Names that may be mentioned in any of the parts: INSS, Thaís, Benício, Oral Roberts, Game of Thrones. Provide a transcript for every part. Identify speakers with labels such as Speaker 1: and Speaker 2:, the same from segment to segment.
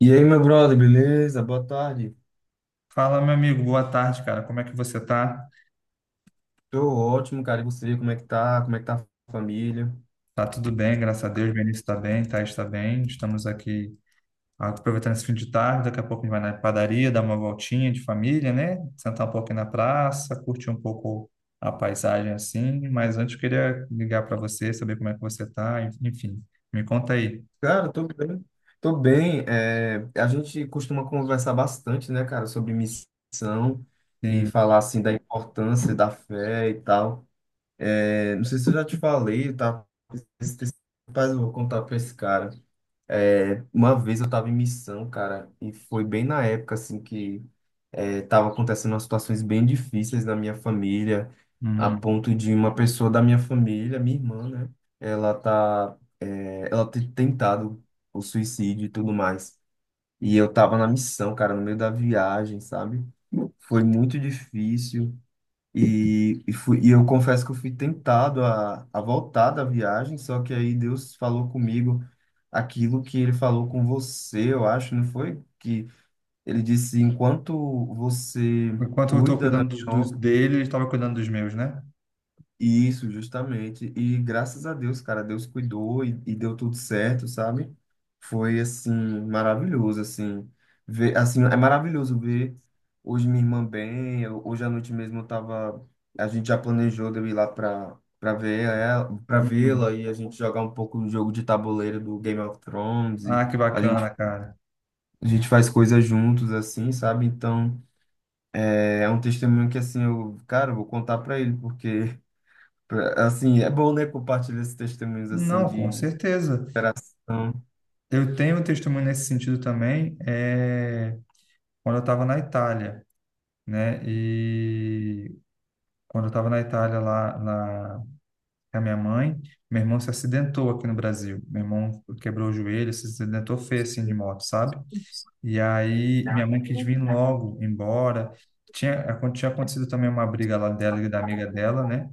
Speaker 1: E aí, meu brother, beleza? Boa tarde.
Speaker 2: Fala, meu amigo, boa tarde, cara. Como é que você tá?
Speaker 1: Tô ótimo, cara. E você, como é que tá? Como é que tá a família?
Speaker 2: Tá tudo bem, graças a Deus. Benício está bem, Thaís está bem. Estamos aqui aproveitando esse fim de tarde. Daqui a pouco a gente vai na padaria, dar uma voltinha de família, né? Sentar um pouquinho na praça, curtir um pouco a paisagem assim. Mas antes eu queria ligar para você, saber como é que você tá. Enfim, me conta aí.
Speaker 1: Cara, tô bem. Tô bem. É, a gente costuma conversar bastante, né, cara, sobre missão e
Speaker 2: Sim.
Speaker 1: falar, assim, da importância da fé e tal. É, não sei se eu já te falei, tá? Rapaz, eu vou contar pra esse cara. É, uma vez eu tava em missão, cara, e foi bem na época, assim, que estava acontecendo umas situações bem difíceis na minha família, a
Speaker 2: Uhum.
Speaker 1: ponto de uma pessoa da minha família, minha irmã, né? Ela tá, é, ela ter tentado o suicídio e tudo mais. E eu tava na missão, cara, no meio da viagem, sabe? Foi muito difícil. E eu confesso que eu fui tentado a voltar da viagem, só que aí Deus falou comigo aquilo que ele falou com você, eu acho, não foi? Que ele disse: enquanto você
Speaker 2: Enquanto eu estou
Speaker 1: cuida da
Speaker 2: cuidando
Speaker 1: minha
Speaker 2: dos
Speaker 1: obra,
Speaker 2: dele, ele estava cuidando dos meus, né?
Speaker 1: isso, justamente. E graças a Deus, cara, Deus cuidou e deu tudo certo, sabe? Foi assim, maravilhoso, assim. Ver, assim, é maravilhoso ver hoje minha irmã bem. Eu- hoje à noite mesmo eu tava. A gente já planejou de eu ir lá para
Speaker 2: Uhum.
Speaker 1: vê-la e a gente jogar um pouco do jogo de tabuleiro do Game of Thrones. E
Speaker 2: Ah, que
Speaker 1: a gente,
Speaker 2: bacana, cara.
Speaker 1: a gente faz coisas juntos, assim, sabe? Então. É é um testemunho que, assim, eu, cara, eu vou contar para ele, porque, assim, é bom, né, compartilhar esses testemunhos, assim,
Speaker 2: Não, com
Speaker 1: de
Speaker 2: certeza.
Speaker 1: superação.
Speaker 2: Eu tenho um testemunho nesse sentido também, quando eu estava na Itália, né? E quando eu estava na Itália lá com a minha mãe, meu irmão se acidentou aqui no Brasil. Meu irmão quebrou o joelho, se acidentou feio assim de moto, sabe? E aí minha mãe quis vir logo embora. Tinha acontecido também uma briga lá dela e da amiga dela, né?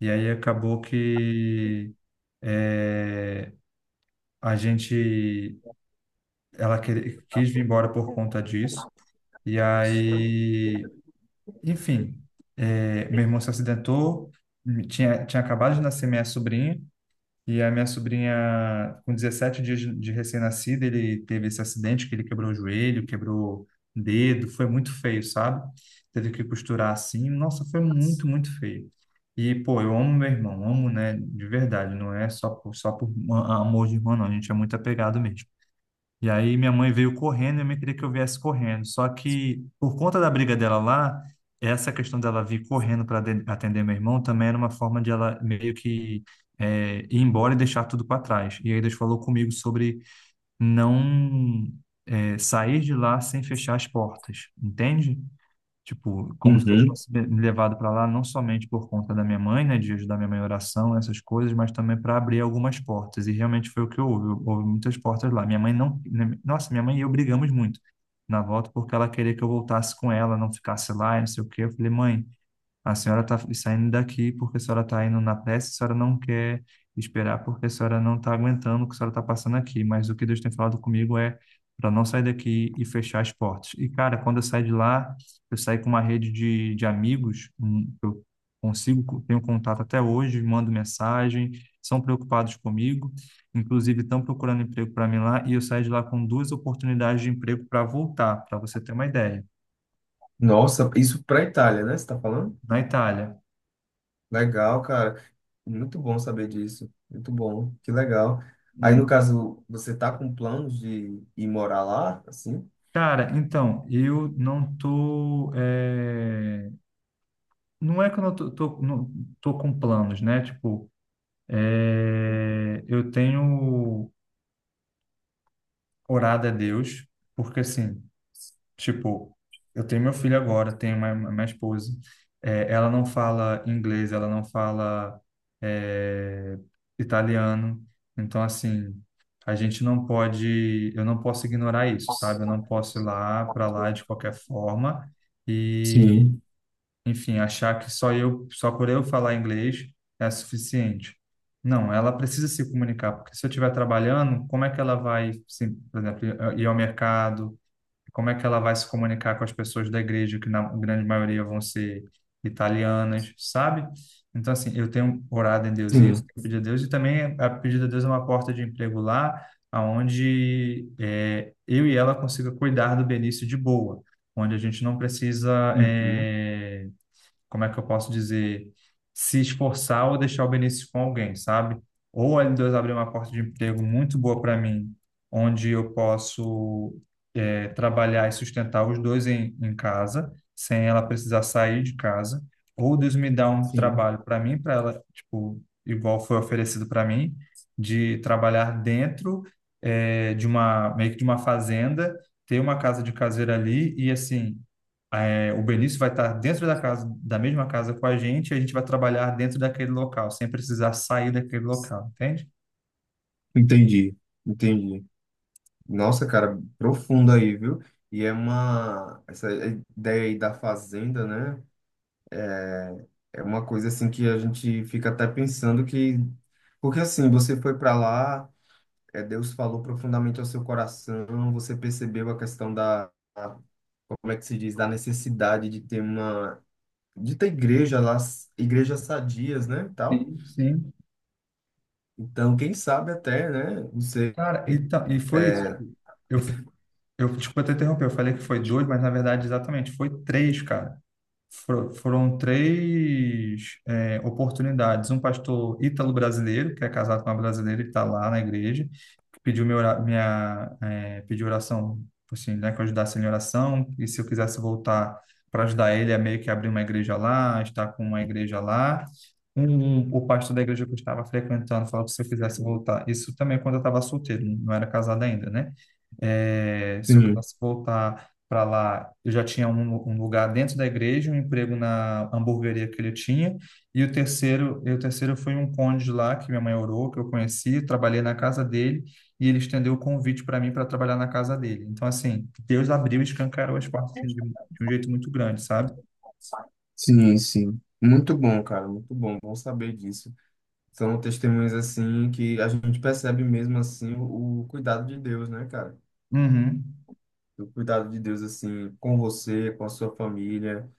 Speaker 2: E aí acabou que é, a gente, ela quis vir embora por conta disso. E aí, enfim, meu irmão se acidentou, tinha acabado de nascer minha sobrinha, e a minha sobrinha, com 17 dias de recém-nascida, ele teve esse acidente que ele quebrou o joelho, quebrou o dedo, foi muito feio, sabe? Teve que costurar assim, nossa, foi muito, muito feio. E, pô, eu amo meu irmão, amo, né, de verdade, não é só só por amor de irmão, não, a gente é muito apegado mesmo. E aí minha mãe veio correndo e me queria que eu viesse correndo. Só que por conta da briga dela lá, essa questão dela vir correndo para atender meu irmão também era uma forma de ela meio que ir embora e deixar tudo para trás. E aí Deus falou comigo sobre não sair de lá sem fechar as portas, entende? Tipo, como se Deus
Speaker 1: Uhum.
Speaker 2: tivesse me levado para lá, não somente por conta da minha mãe, né, de ajudar minha mãe em oração, essas coisas, mas também para abrir algumas portas. E realmente foi o que houve. Houve muitas portas lá. Minha mãe não. né, Nossa, minha mãe e eu brigamos muito na volta porque ela queria que eu voltasse com ela, não ficasse lá, e não sei o quê. Eu falei, mãe. A senhora está saindo daqui porque a senhora está indo na pressa, a senhora não quer esperar porque a senhora não está aguentando o que a senhora está passando aqui. Mas o que Deus tem falado comigo é para não sair daqui e fechar as portas. E, cara, quando eu saí de lá, eu saí com uma rede de amigos, eu consigo, tenho contato até hoje, mando mensagem, são preocupados comigo, inclusive estão procurando emprego para mim lá, e eu saí de lá com duas oportunidades de emprego para voltar, para você ter uma ideia.
Speaker 1: Nossa, isso para a Itália, né? Você está falando?
Speaker 2: Na Itália.
Speaker 1: Legal, cara. Muito bom saber disso. Muito bom. Que legal. Aí, no caso, você tá com planos de ir morar lá, assim?
Speaker 2: Cara, então, eu não tô. Eh, Não é que eu não tô com planos, né? Tipo, eu tenho orado a Deus, porque assim, tipo, eu tenho meu filho agora, tenho minha esposa. Ela não fala inglês, ela não fala, eh, italiano. Então, assim, a gente não pode. Eu não posso ignorar isso, sabe? Eu não posso ir lá para lá de qualquer forma.
Speaker 1: Sim,
Speaker 2: Enfim, achar que só eu, só por eu falar inglês é suficiente. Não, ela precisa se comunicar, porque se eu estiver trabalhando, como é que ela vai, assim, por exemplo, ir ao mercado? Como é que ela vai se comunicar com as pessoas da igreja, que na grande maioria vão ser italianas, sabe? Então, assim, eu tenho orado em Deus isso,
Speaker 1: sim.
Speaker 2: tenho pedido a Deus, e também a pedido a Deus é uma porta de emprego lá, aonde eu e ela consiga cuidar do Benício de boa, onde a gente não precisa
Speaker 1: Uhum.
Speaker 2: como é que eu posso dizer, se esforçar ou deixar o benefício com alguém, sabe? Ou a L2 abrir uma porta de emprego muito boa para mim, onde eu posso é, trabalhar e sustentar os dois em, em casa, sem ela precisar sair de casa, ou Deus me dá um
Speaker 1: Sim.
Speaker 2: trabalho para mim, para ela, tipo, igual foi oferecido para mim, de trabalhar dentro é, de uma, meio que de uma fazenda, ter uma casa de caseira ali e, assim, é, o Benício vai estar dentro da casa, da mesma casa com a gente, e a gente vai trabalhar dentro daquele local, sem precisar sair daquele local, entende?
Speaker 1: Entendi, entendi. Nossa, cara, profundo aí, viu? E é uma. Essa ideia aí da fazenda, né? É é uma coisa assim que a gente fica até pensando que. Porque assim, você foi para lá, é, Deus falou profundamente ao seu coração, você percebeu a questão da. Como é que se diz? Da necessidade de ter uma. De ter igreja lá, igrejas sadias, né? E tal.
Speaker 2: Sim, sim.
Speaker 1: Então, quem sabe até, né? Você.
Speaker 2: Cara, e foi isso.
Speaker 1: É,
Speaker 2: Eu, desculpa te interromper, eu falei que foi dois, mas na verdade, exatamente, foi três, cara. Foram três, é, oportunidades. Um pastor ítalo-brasileiro, que é casado com uma brasileira e está lá na igreja. Pediu minha pediu oração, assim, né, que eu ajudasse ele em oração, e se eu quisesse voltar para ajudar ele, é meio que abrir uma igreja lá, estar com uma igreja lá. Um, o pastor da igreja que eu estava frequentando falou que se eu quisesse voltar, isso também quando eu estava solteiro, não era casado ainda, né? Se eu
Speaker 1: sim.
Speaker 2: quisesse voltar para lá, eu já tinha um lugar dentro da igreja, um emprego na hamburgueria que ele tinha, e o terceiro foi um cônjuge lá que minha mãe orou, que eu conheci, trabalhei na casa dele, e ele estendeu o convite para mim para trabalhar na casa dele. Então, assim, Deus abriu e escancarou as portas assim, de um jeito muito grande, sabe?
Speaker 1: Sim, sim. Muito bom, cara, muito bom. Bom saber disso. São testemunhas assim que a gente percebe mesmo assim o cuidado de Deus, né, cara?
Speaker 2: Uhum.
Speaker 1: O cuidado de Deus assim com você, com a sua família.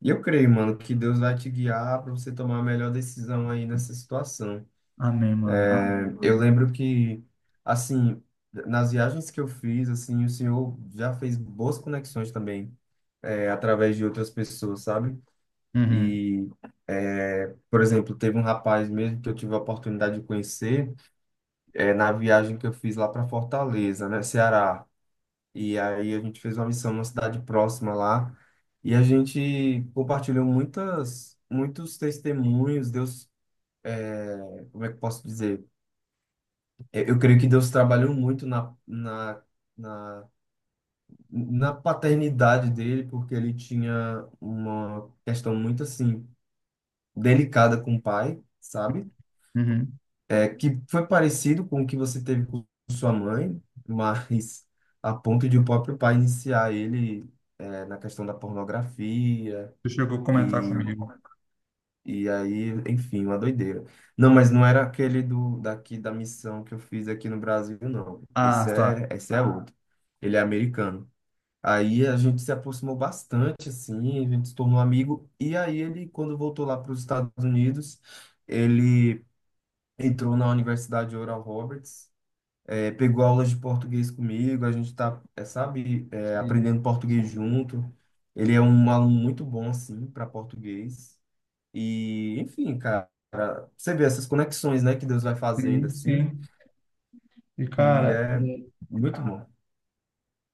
Speaker 1: E eu creio, mano, que Deus vai te guiar para você tomar a melhor decisão aí nessa situação.
Speaker 2: Amém, mano.
Speaker 1: É, eu lembro que assim, nas viagens que eu fiz, assim, o Senhor já fez boas conexões também, é, através de outras pessoas, sabe?
Speaker 2: Uhum.
Speaker 1: E, é, por exemplo, teve um rapaz mesmo que eu tive a oportunidade de conhecer é, na viagem que eu fiz lá para Fortaleza, né, Ceará. E aí a gente fez uma missão numa cidade próxima lá e a gente compartilhou muitos testemunhos. Deus, é, como é que eu posso dizer? É, eu creio que Deus trabalhou muito na, na paternidade dele, porque ele tinha uma questão muito assim delicada com o pai, sabe?
Speaker 2: Uhum.
Speaker 1: É, que foi parecido com o que você teve com sua mãe, mas a ponto de o próprio pai iniciar ele é, na questão da pornografia
Speaker 2: Tu chegou a
Speaker 1: e,
Speaker 2: comentar comigo.
Speaker 1: e aí, enfim, uma doideira. Não, mas não era aquele do daqui da missão que eu fiz aqui no Brasil, não. Esse
Speaker 2: Ah, tá.
Speaker 1: é, esse é outro. Ele é americano. Aí a gente se aproximou bastante, assim, a gente se tornou amigo. E aí ele, quando voltou lá para os Estados Unidos, ele entrou na Universidade Oral Roberts é, pegou aulas de português comigo, a gente tá, é, sabe, é,
Speaker 2: Sim,
Speaker 1: aprendendo português junto. Ele é um aluno muito bom, assim, para português. E, enfim, cara, você vê essas conexões, né, que Deus vai fazendo,
Speaker 2: sim.
Speaker 1: assim,
Speaker 2: Sim. E,
Speaker 1: e
Speaker 2: cara,
Speaker 1: é
Speaker 2: é,
Speaker 1: muito bom.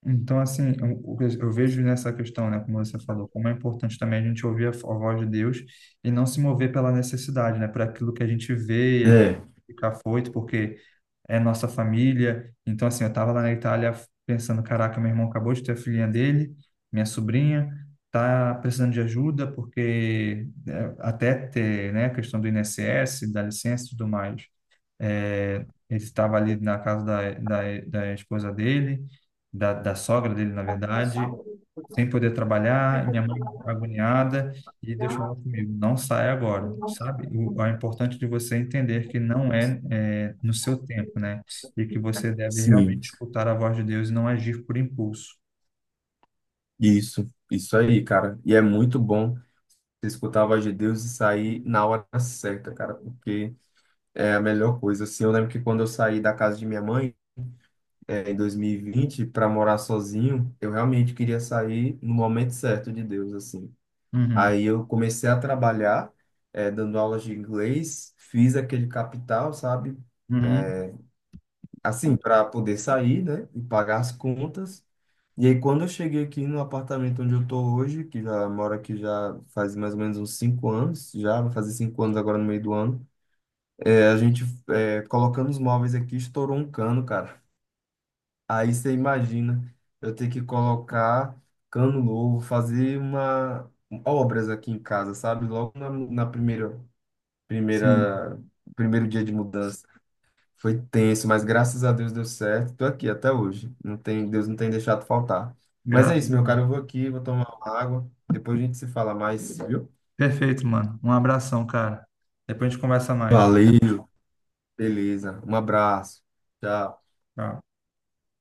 Speaker 2: então, assim, eu, o que eu vejo nessa questão, né, como você falou, como é importante também a gente ouvir a voz de Deus e não se mover pela necessidade, né, por aquilo que a gente vê e a gente
Speaker 1: É,
Speaker 2: fica afoito, porque é nossa família. Então, assim, eu estava lá na Itália pensando, caraca, meu irmão acabou de ter a filhinha dele, minha sobrinha, tá precisando de ajuda porque é, até ter, né, a questão do INSS, da licença e tudo mais. É, ele estava ali na casa da esposa dele, da sogra dele, na verdade, sem poder trabalhar, minha mãe agoniada, e Deus falou comigo, não sai agora, sabe? O, é importante de você entender que não é, é no seu tempo, né? E que você deve
Speaker 1: sim,
Speaker 2: realmente escutar a voz de Deus e não agir por impulso.
Speaker 1: isso aí, cara. E é muito bom você escutar a voz de Deus e sair
Speaker 2: Hum.
Speaker 1: na hora certa, cara, porque é a melhor coisa. Assim, eu lembro que quando eu saí da casa de minha mãe, é, em 2020 para morar sozinho, eu realmente queria sair no momento certo de Deus, assim.
Speaker 2: Uhum,
Speaker 1: Aí eu comecei a trabalhar, é, dando aulas de inglês, fiz aquele capital, sabe?
Speaker 2: uhum,
Speaker 1: Assim, para poder sair, né? E pagar as contas. E aí, quando eu cheguei aqui no apartamento onde eu tô hoje, que já moro aqui já faz mais ou menos uns 5 anos, já vai fazer 5 anos agora no meio do ano, é, a gente, é, colocando os móveis aqui, estourou um cano, cara. Aí você imagina eu ter que colocar cano novo, fazer uma obras aqui em casa, sabe? Logo na primeira,
Speaker 2: sim,
Speaker 1: primeira, primeiro dia de mudança. Foi tenso, mas graças a Deus deu certo. Tô aqui até hoje. Não tem, Deus não tem deixado faltar. Mas é
Speaker 2: graças a
Speaker 1: isso, meu cara.
Speaker 2: Deus.
Speaker 1: Eu vou aqui, vou tomar uma água. Depois a gente se fala mais, viu?
Speaker 2: Perfeito, mano. Um abração, cara. Depois a gente conversa mais.
Speaker 1: Valeu, beleza. Um abraço. Tchau.
Speaker 2: Tchau.